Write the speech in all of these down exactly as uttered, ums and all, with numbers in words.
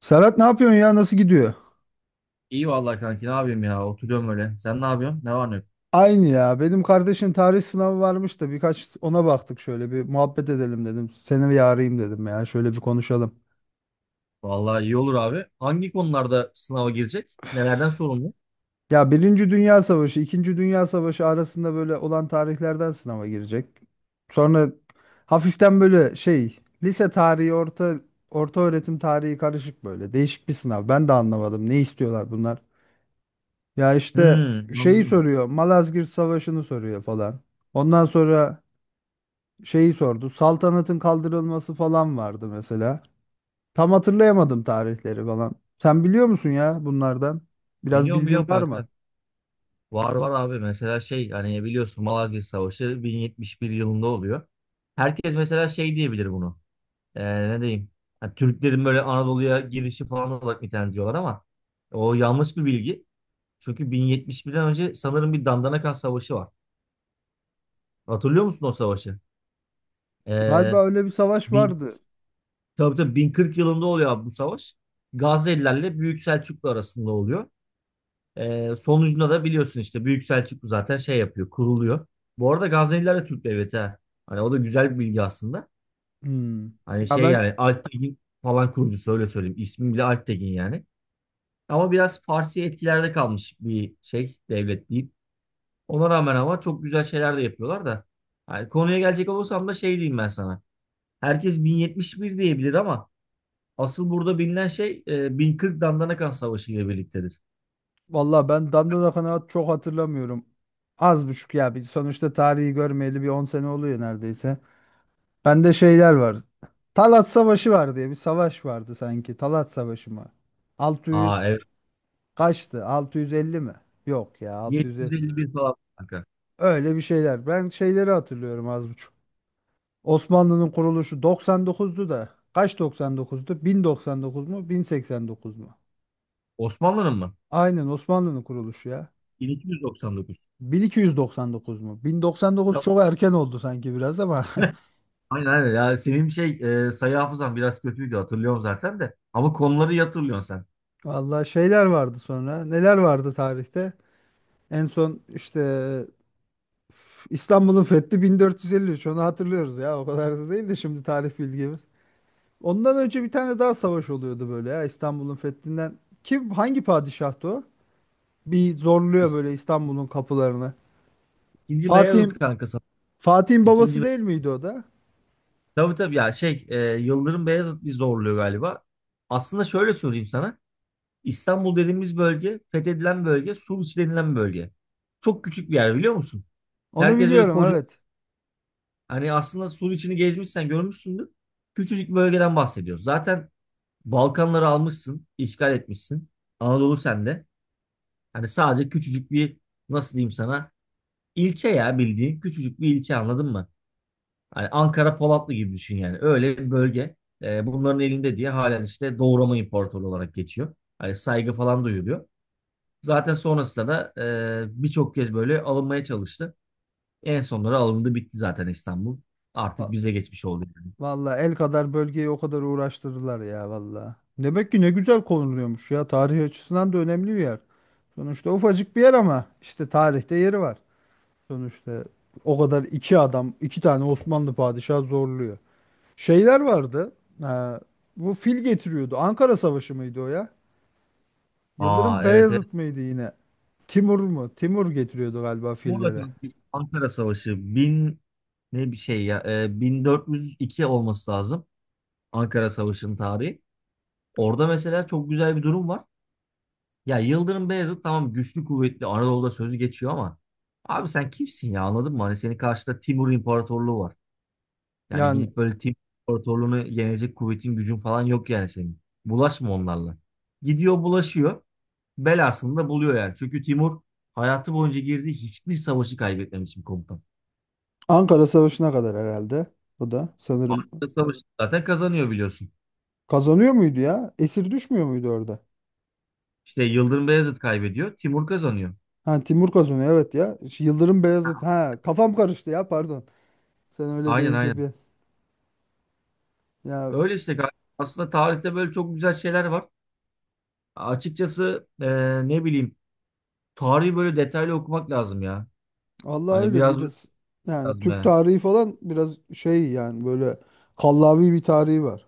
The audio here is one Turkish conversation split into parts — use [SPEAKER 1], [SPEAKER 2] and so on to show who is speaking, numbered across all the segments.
[SPEAKER 1] Serhat, ne yapıyorsun ya? Nasıl gidiyor?
[SPEAKER 2] İyi vallahi kanki ne yapayım ya oturuyorum öyle. Sen ne yapıyorsun? Ne var ne yok?
[SPEAKER 1] Aynı ya. Benim kardeşin tarih sınavı varmış da birkaç ona baktık, şöyle bir muhabbet edelim dedim. Seni bir arayayım dedim ya. Şöyle bir konuşalım.
[SPEAKER 2] Vallahi iyi olur abi. Hangi konularda sınava girecek? Nelerden sorumlu?
[SPEAKER 1] Ya, Birinci Dünya Savaşı, İkinci Dünya Savaşı arasında böyle olan tarihlerden sınava girecek. Sonra hafiften böyle şey, lise tarihi, orta orta öğretim tarihi karışık böyle. Değişik bir sınav. Ben de anlamadım. Ne istiyorlar bunlar? Ya işte
[SPEAKER 2] Hmm,
[SPEAKER 1] şeyi
[SPEAKER 2] anladım.
[SPEAKER 1] soruyor. Malazgirt Savaşı'nı soruyor falan. Ondan sonra şeyi sordu. Saltanatın kaldırılması falan vardı mesela. Tam hatırlayamadım tarihleri falan. Sen biliyor musun ya bunlardan? Biraz
[SPEAKER 2] Biliyorum
[SPEAKER 1] bilgin
[SPEAKER 2] biliyorum
[SPEAKER 1] var mı?
[SPEAKER 2] kanka. Var var abi mesela şey hani biliyorsun Malazgirt Savaşı bin yetmiş bir yılında oluyor. Herkes mesela şey diyebilir bunu. Ee, ne diyeyim? Ha, Türklerin böyle Anadolu'ya girişi falan olarak nitelendiriyorlar ama o yanlış bir bilgi. Çünkü bin yetmiş birden önce sanırım bir Dandanakan Savaşı var. Hatırlıyor musun o savaşı? Ee,
[SPEAKER 1] Galiba öyle bir savaş vardı.
[SPEAKER 2] Tabii tabii bin kırk yılında oluyor abi bu savaş. Gazze'lilerle Büyük Selçuklu arasında oluyor. Ee, sonucunda da biliyorsun işte Büyük Selçuklu zaten şey yapıyor, kuruluyor. Bu arada Gazze'liler de Türk devleti ha. Hani o da güzel bir bilgi aslında.
[SPEAKER 1] Hmm.
[SPEAKER 2] Hani
[SPEAKER 1] Ya
[SPEAKER 2] şey
[SPEAKER 1] ben
[SPEAKER 2] yani Alptekin falan kurucusu öyle söyleyeyim. İsmi bile Alptekin yani. Ama biraz Farsi etkilerde kalmış bir şey devlet deyip. Ona rağmen ama çok güzel şeyler de yapıyorlar da. Hani konuya gelecek olursam da şey diyeyim ben sana. Herkes bin yetmiş bir diyebilir ama asıl burada bilinen şey e, bin kırk Dandanakan Savaşı ile birliktedir.
[SPEAKER 1] vallahi ben Dandanakan'ı çok hatırlamıyorum. Az buçuk ya. Biz sonuçta tarihi görmeyeli bir on sene oluyor neredeyse. Bende şeyler var. Talat Savaşı var diye bir savaş vardı sanki. Talat Savaşı mı?
[SPEAKER 2] Aa,
[SPEAKER 1] altı yüz
[SPEAKER 2] evet.
[SPEAKER 1] kaçtı? altı yüz elli mi? Yok ya, altı yüz.
[SPEAKER 2] yedi yüz elli bir falan kanka.
[SPEAKER 1] Öyle bir şeyler. Ben şeyleri hatırlıyorum az buçuk. Osmanlı'nın kuruluşu doksan dokuzdu da. Kaç doksan dokuzdu? bin doksan dokuz mu? bin seksen dokuz mu?
[SPEAKER 2] Osmanlı'nın mı?
[SPEAKER 1] Aynen, Osmanlı'nın kuruluşu ya.
[SPEAKER 2] bin iki yüz doksan dokuz.
[SPEAKER 1] bin iki yüz doksan dokuz mu? bin doksan dokuz
[SPEAKER 2] Tamam.
[SPEAKER 1] çok erken oldu sanki biraz ama.
[SPEAKER 2] Aynen aynen. Ya senin şey e, sayı hafızan biraz kötüydü hatırlıyorum zaten de. Ama konuları iyi hatırlıyorsun sen.
[SPEAKER 1] Vallahi şeyler vardı sonra. Neler vardı tarihte? En son işte üf, İstanbul'un fethi bin dört yüz elli üç. Onu hatırlıyoruz ya. O kadar da değil de şimdi tarih bilgimiz. Ondan önce bir tane daha savaş oluyordu böyle ya, İstanbul'un fethinden. Kim, hangi padişahtı o? Bir zorluyor
[SPEAKER 2] İs-
[SPEAKER 1] böyle İstanbul'un kapılarını.
[SPEAKER 2] İkinci Beyazıt
[SPEAKER 1] Fatih'in
[SPEAKER 2] kanka sana.
[SPEAKER 1] Fatih'in
[SPEAKER 2] İkinci
[SPEAKER 1] babası
[SPEAKER 2] Be-
[SPEAKER 1] değil miydi o da?
[SPEAKER 2] Tabii tabii ya şey e, Yıldırım Beyazıt bir zorluyor galiba. Aslında şöyle söyleyeyim sana. İstanbul dediğimiz bölge, fethedilen bölge, Suriç denilen bölge. Çok küçük bir yer biliyor musun?
[SPEAKER 1] Onu
[SPEAKER 2] Herkes böyle
[SPEAKER 1] biliyorum,
[SPEAKER 2] koca.
[SPEAKER 1] evet.
[SPEAKER 2] Hani aslında sur içini gezmişsen görmüşsündür. Küçücük bir bölgeden bahsediyoruz. Zaten Balkanları almışsın, işgal etmişsin. Anadolu sende. Hani sadece küçücük bir, nasıl diyeyim sana, ilçe ya bildiğin küçücük bir ilçe, anladın mı? Hani Ankara Polatlı gibi düşün yani. Öyle bir bölge. Ee, bunların elinde diye halen işte Doğu Roma İmparatorluğu olarak geçiyor. Hani saygı falan duyuluyor. Zaten sonrasında da e, birçok kez böyle alınmaya çalıştı. En sonları alındı, bitti zaten İstanbul. Artık
[SPEAKER 1] Va-
[SPEAKER 2] bize geçmiş oldu yani.
[SPEAKER 1] Vallahi el kadar bölgeyi o kadar uğraştırdılar ya vallahi. Demek ki ne güzel konuluyormuş ya, tarih açısından da önemli bir yer. Sonuçta ufacık bir yer ama işte tarihte yeri var. Sonuçta o kadar, iki adam, iki tane Osmanlı padişahı zorluyor. Şeyler vardı. Ee, bu fil getiriyordu. Ankara Savaşı mıydı o ya?
[SPEAKER 2] Aa,
[SPEAKER 1] Yıldırım
[SPEAKER 2] evet evet.
[SPEAKER 1] Beyazıt mıydı yine? Timur mu? Timur getiriyordu galiba
[SPEAKER 2] Muğla
[SPEAKER 1] filleri.
[SPEAKER 2] Kalkı- Ankara Savaşı bin ne bir şey ya e, bin dört yüz iki olması lazım Ankara Savaşı'nın tarihi. Orada mesela çok güzel bir durum var. Ya Yıldırım Beyazıt tamam, güçlü kuvvetli Anadolu'da sözü geçiyor ama abi sen kimsin ya, anladın mı? Hani senin karşıda Timur İmparatorluğu var. Yani
[SPEAKER 1] Yani
[SPEAKER 2] gidip böyle Timur İmparatorluğunu yenecek kuvvetin gücün falan yok yani senin. Bulaşma onlarla. Gidiyor bulaşıyor. Belasını da buluyor yani. Çünkü Timur hayatı boyunca girdiği hiçbir savaşı kaybetmemiş bir komutan.
[SPEAKER 1] Ankara Savaşı'na kadar herhalde. O da sanırım
[SPEAKER 2] Savaşı zaten kazanıyor biliyorsun.
[SPEAKER 1] kazanıyor muydu ya? Esir düşmüyor muydu orada?
[SPEAKER 2] İşte Yıldırım Beyazıt kaybediyor, Timur kazanıyor.
[SPEAKER 1] Ha, Timur kazanıyor, evet ya. Şu Yıldırım Beyazıt. Ha, kafam karıştı ya, pardon. Sen öyle
[SPEAKER 2] Aynen
[SPEAKER 1] deyince
[SPEAKER 2] aynen.
[SPEAKER 1] bir ya,
[SPEAKER 2] Öyle işte galiba. Aslında tarihte böyle çok güzel şeyler var. Açıkçası e, ne bileyim, tarihi böyle detaylı okumak lazım ya.
[SPEAKER 1] Allah,
[SPEAKER 2] Hani
[SPEAKER 1] öyle
[SPEAKER 2] biraz böyle
[SPEAKER 1] biraz, yani
[SPEAKER 2] lazım
[SPEAKER 1] Türk
[SPEAKER 2] ya.
[SPEAKER 1] tarihi falan biraz şey, yani böyle kallavi bir tarihi var.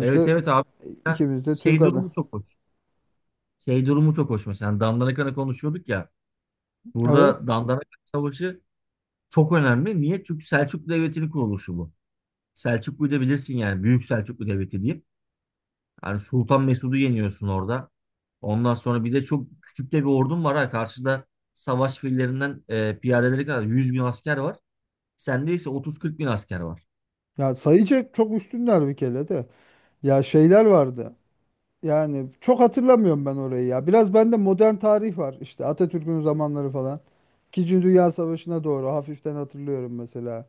[SPEAKER 2] Evet evet abi. Mesela
[SPEAKER 1] ikimiz de Türk
[SPEAKER 2] şey
[SPEAKER 1] adı.
[SPEAKER 2] durumu çok hoş. Şey durumu çok hoş mesela. Dandanakan'ı konuşuyorduk ya.
[SPEAKER 1] Evet.
[SPEAKER 2] Burada Dandanakan Savaşı çok önemli. Niye? Çünkü Selçuklu Devleti'nin kuruluşu bu. Selçuklu'yu da bilirsin yani. Büyük Selçuklu Devleti diyeyim. Yani Sultan Mesud'u yeniyorsun orada. Ondan sonra bir de çok küçük de bir ordun var ha. Karşıda savaş fillerinden e, piyadeleri kadar yüz bin asker var. Sende ise otuz kırk bin asker var.
[SPEAKER 1] Ya, sayıca çok üstünler bir kere de. Ya şeyler vardı. Yani çok hatırlamıyorum ben orayı ya. Biraz bende modern tarih var. İşte Atatürk'ün zamanları falan. İkinci Dünya Savaşı'na doğru hafiften hatırlıyorum mesela.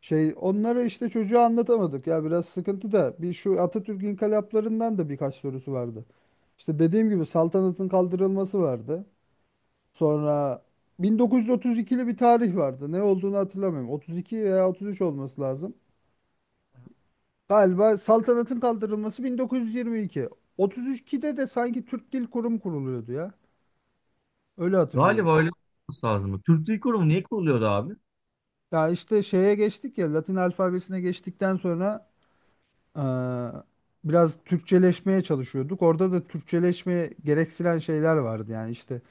[SPEAKER 1] Şey, onları işte çocuğa anlatamadık ya, biraz sıkıntı da bir, şu Atatürk inkılaplarından da birkaç sorusu vardı. İşte dediğim gibi saltanatın kaldırılması vardı. Sonra bin dokuz yüz otuz ikili bir tarih vardı. Ne olduğunu hatırlamıyorum. otuz iki veya otuz üç olması lazım. Galiba saltanatın kaldırılması bin dokuz yüz yirmi iki. otuz ikide de sanki Türk Dil Kurumu kuruluyordu ya. Öyle hatırlıyorum.
[SPEAKER 2] Galiba öyle olması lazım. Türk Dil Kurumu niye kuruluyordu abi?
[SPEAKER 1] Ya işte şeye geçtik ya, Latin alfabesine geçtikten sonra eee, biraz Türkçeleşmeye çalışıyorduk. Orada da Türkçeleşmeye gerektiren şeyler vardı yani işte.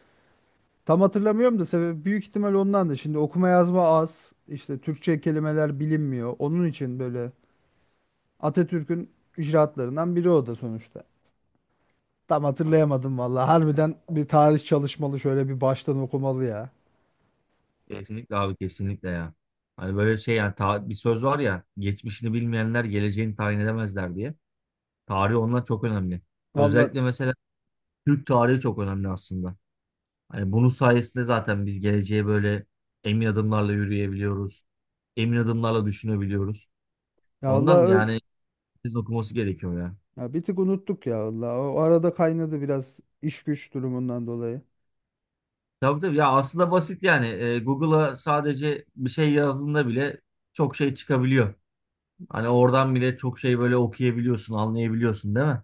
[SPEAKER 1] Tam hatırlamıyorum da sebebi büyük ihtimal ondan da. Şimdi okuma yazma az. İşte Türkçe kelimeler bilinmiyor. Onun için böyle Atatürk'ün icraatlarından biri o da sonuçta. Tam hatırlayamadım vallahi. Harbiden bir tarih çalışmalı, şöyle bir baştan okumalı ya.
[SPEAKER 2] Kesinlikle abi, kesinlikle ya. Hani böyle şey yani, ta- bir söz var ya, geçmişini bilmeyenler geleceğini tayin edemezler diye. Tarih, onlar çok önemli. Özellikle
[SPEAKER 1] Vallahi
[SPEAKER 2] mesela Türk tarihi çok önemli aslında. Hani bunun sayesinde zaten biz geleceğe böyle emin adımlarla yürüyebiliyoruz. Emin adımlarla düşünebiliyoruz.
[SPEAKER 1] ya vallahi
[SPEAKER 2] Ondan
[SPEAKER 1] öyle.
[SPEAKER 2] yani biz okuması gerekiyor ya.
[SPEAKER 1] Ya bir tık unuttuk ya vallahi. O arada kaynadı biraz iş güç durumundan dolayı.
[SPEAKER 2] Tabii tabii ya, aslında basit yani. E, Google'a sadece bir şey yazdığında bile çok şey çıkabiliyor. Hani oradan bile çok şey böyle okuyabiliyorsun, anlayabiliyorsun değil mi?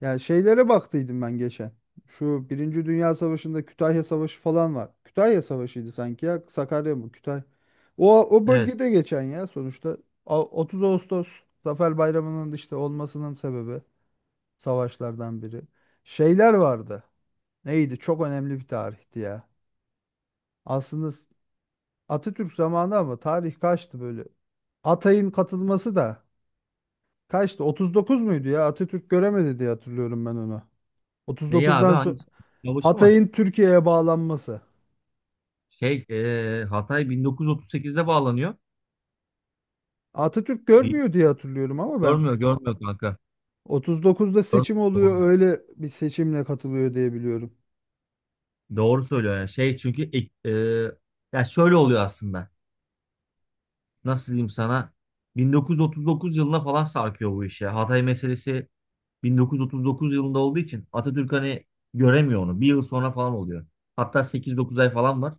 [SPEAKER 1] Ya şeylere baktıydım ben geçen. Şu Birinci Dünya Savaşı'nda Kütahya Savaşı falan var. Kütahya Savaşı'ydı sanki ya. Sakarya mı? Kütahya. O, o
[SPEAKER 2] Evet.
[SPEAKER 1] bölgede geçen ya sonuçta. A- otuz Ağustos Zafer Bayramı'nın işte olmasının sebebi, savaşlardan biri. Şeyler vardı. Neydi? Çok önemli bir tarihti ya. Aslında s- Atatürk zamanı ama tarih kaçtı böyle? Atay'ın katılması da kaçtı? otuz dokuz muydu ya? Atatürk göremedi diye hatırlıyorum ben onu.
[SPEAKER 2] Neyi abi?
[SPEAKER 1] otuz dokuzdan sonra
[SPEAKER 2] Hangisi? Savaşı mı?
[SPEAKER 1] Hatay'ın Türkiye'ye bağlanması.
[SPEAKER 2] Şey, e, Hatay bin dokuz yüz otuz sekizde bağlanıyor.
[SPEAKER 1] Atatürk
[SPEAKER 2] Bil-
[SPEAKER 1] görmüyor diye hatırlıyorum ama ben
[SPEAKER 2] Görmüyor, görmüyor kanka.
[SPEAKER 1] otuz dokuzda seçim oluyor,
[SPEAKER 2] Görmüyor.
[SPEAKER 1] öyle bir seçimle katılıyor diye biliyorum.
[SPEAKER 2] Doğru söylüyor ya. Şey çünkü ek- e, ya şöyle oluyor aslında. Nasıl diyeyim sana? bin dokuz yüz otuz dokuz yılına falan sarkıyor bu iş ya. Hatay meselesi bin dokuz yüz otuz dokuz yılında olduğu için Atatürk hani göremiyor onu. Bir yıl sonra falan oluyor. Hatta sekiz dokuz ay falan var.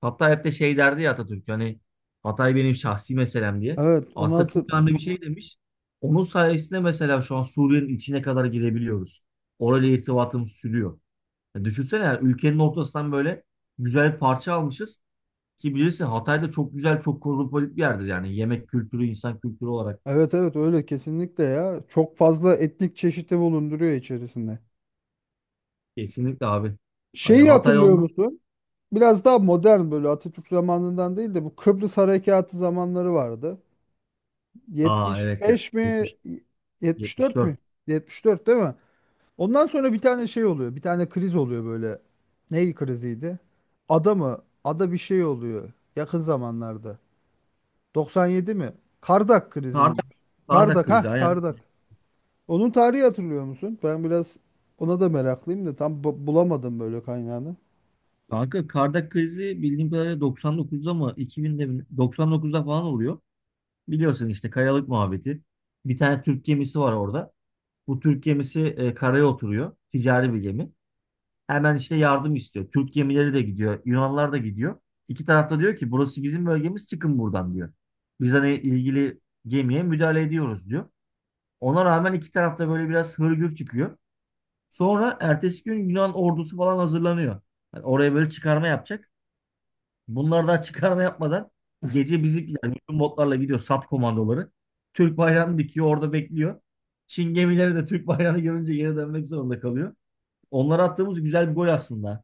[SPEAKER 2] Hatta hep de şey derdi ya Atatürk, hani Hatay benim şahsi meselem diye.
[SPEAKER 1] Evet, onu
[SPEAKER 2] Aslında çok
[SPEAKER 1] hatır...
[SPEAKER 2] önemli bir şey demiş. Onun sayesinde mesela şu an Suriye'nin içine kadar girebiliyoruz. Orayla irtibatımız sürüyor. Ya düşünsene yani, ülkenin ortasından böyle güzel bir parça almışız. Ki bilirsin Hatay da çok güzel, çok kozmopolit bir yerdir yani. Yemek kültürü, insan kültürü olarak.
[SPEAKER 1] Evet, evet, öyle kesinlikle ya. Çok fazla etnik çeşidi bulunduruyor içerisinde.
[SPEAKER 2] Kesinlikle abi. Hani
[SPEAKER 1] Şeyi
[SPEAKER 2] Hatay
[SPEAKER 1] hatırlıyor
[SPEAKER 2] ondan.
[SPEAKER 1] musun? Biraz daha modern böyle Atatürk zamanından değil de bu Kıbrıs Harekatı zamanları vardı.
[SPEAKER 2] Aa, evet ya.
[SPEAKER 1] yetmiş beş mi?
[SPEAKER 2] yetmiş,
[SPEAKER 1] yetmiş dört
[SPEAKER 2] yetmiş dört.
[SPEAKER 1] mü? yetmiş dört değil mi? Ondan sonra bir tane şey oluyor. Bir tane kriz oluyor böyle. Ney kriziydi? Ada mı? Ada bir şey oluyor yakın zamanlarda. doksan yedi mi? Kardak krizi mi?
[SPEAKER 2] Kardak, Kardak
[SPEAKER 1] Kardak,
[SPEAKER 2] krizi
[SPEAKER 1] ha,
[SPEAKER 2] aynen.
[SPEAKER 1] Kardak. Onun tarihi hatırlıyor musun? Ben biraz ona da meraklıyım da tam bu- bulamadım böyle kaynağını.
[SPEAKER 2] Kanka Kardak krizi bildiğim kadarıyla doksan dokuzda mı iki binde mi, doksan dokuzda falan oluyor. Biliyorsun işte kayalık muhabbeti. Bir tane Türk gemisi var orada. Bu Türk gemisi e, karaya oturuyor. Ticari bir gemi. Hemen işte yardım istiyor. Türk gemileri de gidiyor, Yunanlar da gidiyor. İki tarafta diyor ki burası bizim bölgemiz, çıkın buradan diyor. Biz hani ilgili gemiye müdahale ediyoruz diyor. Ona rağmen iki tarafta böyle biraz hırgür çıkıyor. Sonra ertesi gün Yunan ordusu falan hazırlanıyor. Yani oraya böyle çıkarma yapacak. Bunlar da çıkarma yapmadan gece bizimkiler bütün botlarla gidiyor, sat komandoları. Türk bayrağını dikiyor, orada bekliyor. Çin gemileri de Türk bayrağını görünce geri dönmek zorunda kalıyor. Onlara attığımız güzel bir gol aslında.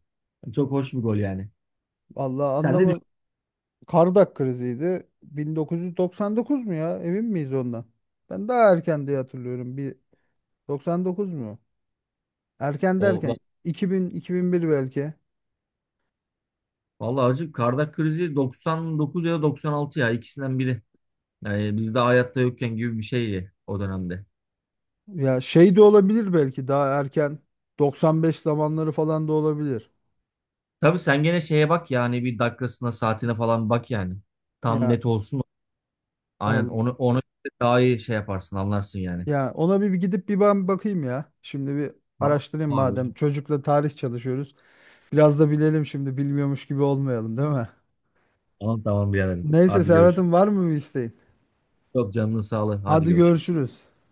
[SPEAKER 2] Çok hoş bir gol yani.
[SPEAKER 1] Vallahi
[SPEAKER 2] Sen ne
[SPEAKER 1] anlama
[SPEAKER 2] düşünüyorsun?
[SPEAKER 1] Kardak kriziydi. bin dokuz yüz doksan dokuz mu ya? Emin miyiz ondan? Ben daha erken diye hatırlıyorum. Bir doksan dokuz mu? Erken
[SPEAKER 2] O va-
[SPEAKER 1] derken iki bin iki bin bir belki.
[SPEAKER 2] Vallahi hacı, Kardak krizi doksan dokuz ya da doksan altı ya, ikisinden biri. Yani biz de hayatta yokken gibi bir şeydi o dönemde.
[SPEAKER 1] Ya, şey de olabilir, belki daha erken doksan beş zamanları falan da olabilir.
[SPEAKER 2] Tabii sen gene şeye bak yani, bir dakikasına saatine falan bak yani. Tam
[SPEAKER 1] Ya
[SPEAKER 2] net olsun. Aynen,
[SPEAKER 1] ol
[SPEAKER 2] onu onu daha iyi şey yaparsın anlarsın yani.
[SPEAKER 1] ya ona bir, bir gidip bir ben bakayım ya. Şimdi bir
[SPEAKER 2] Tamam
[SPEAKER 1] araştırayım madem.
[SPEAKER 2] abi.
[SPEAKER 1] Çocukla tarih çalışıyoruz. Biraz da bilelim, şimdi bilmiyormuş gibi olmayalım, değil mi?
[SPEAKER 2] Tamam tamam biraderim.
[SPEAKER 1] Neyse
[SPEAKER 2] Hadi görüşürüz.
[SPEAKER 1] Serhat'ım, var mı bir isteğin?
[SPEAKER 2] Çok canının sağlığı. Hadi
[SPEAKER 1] Hadi
[SPEAKER 2] görüşürüz.
[SPEAKER 1] görüşürüz.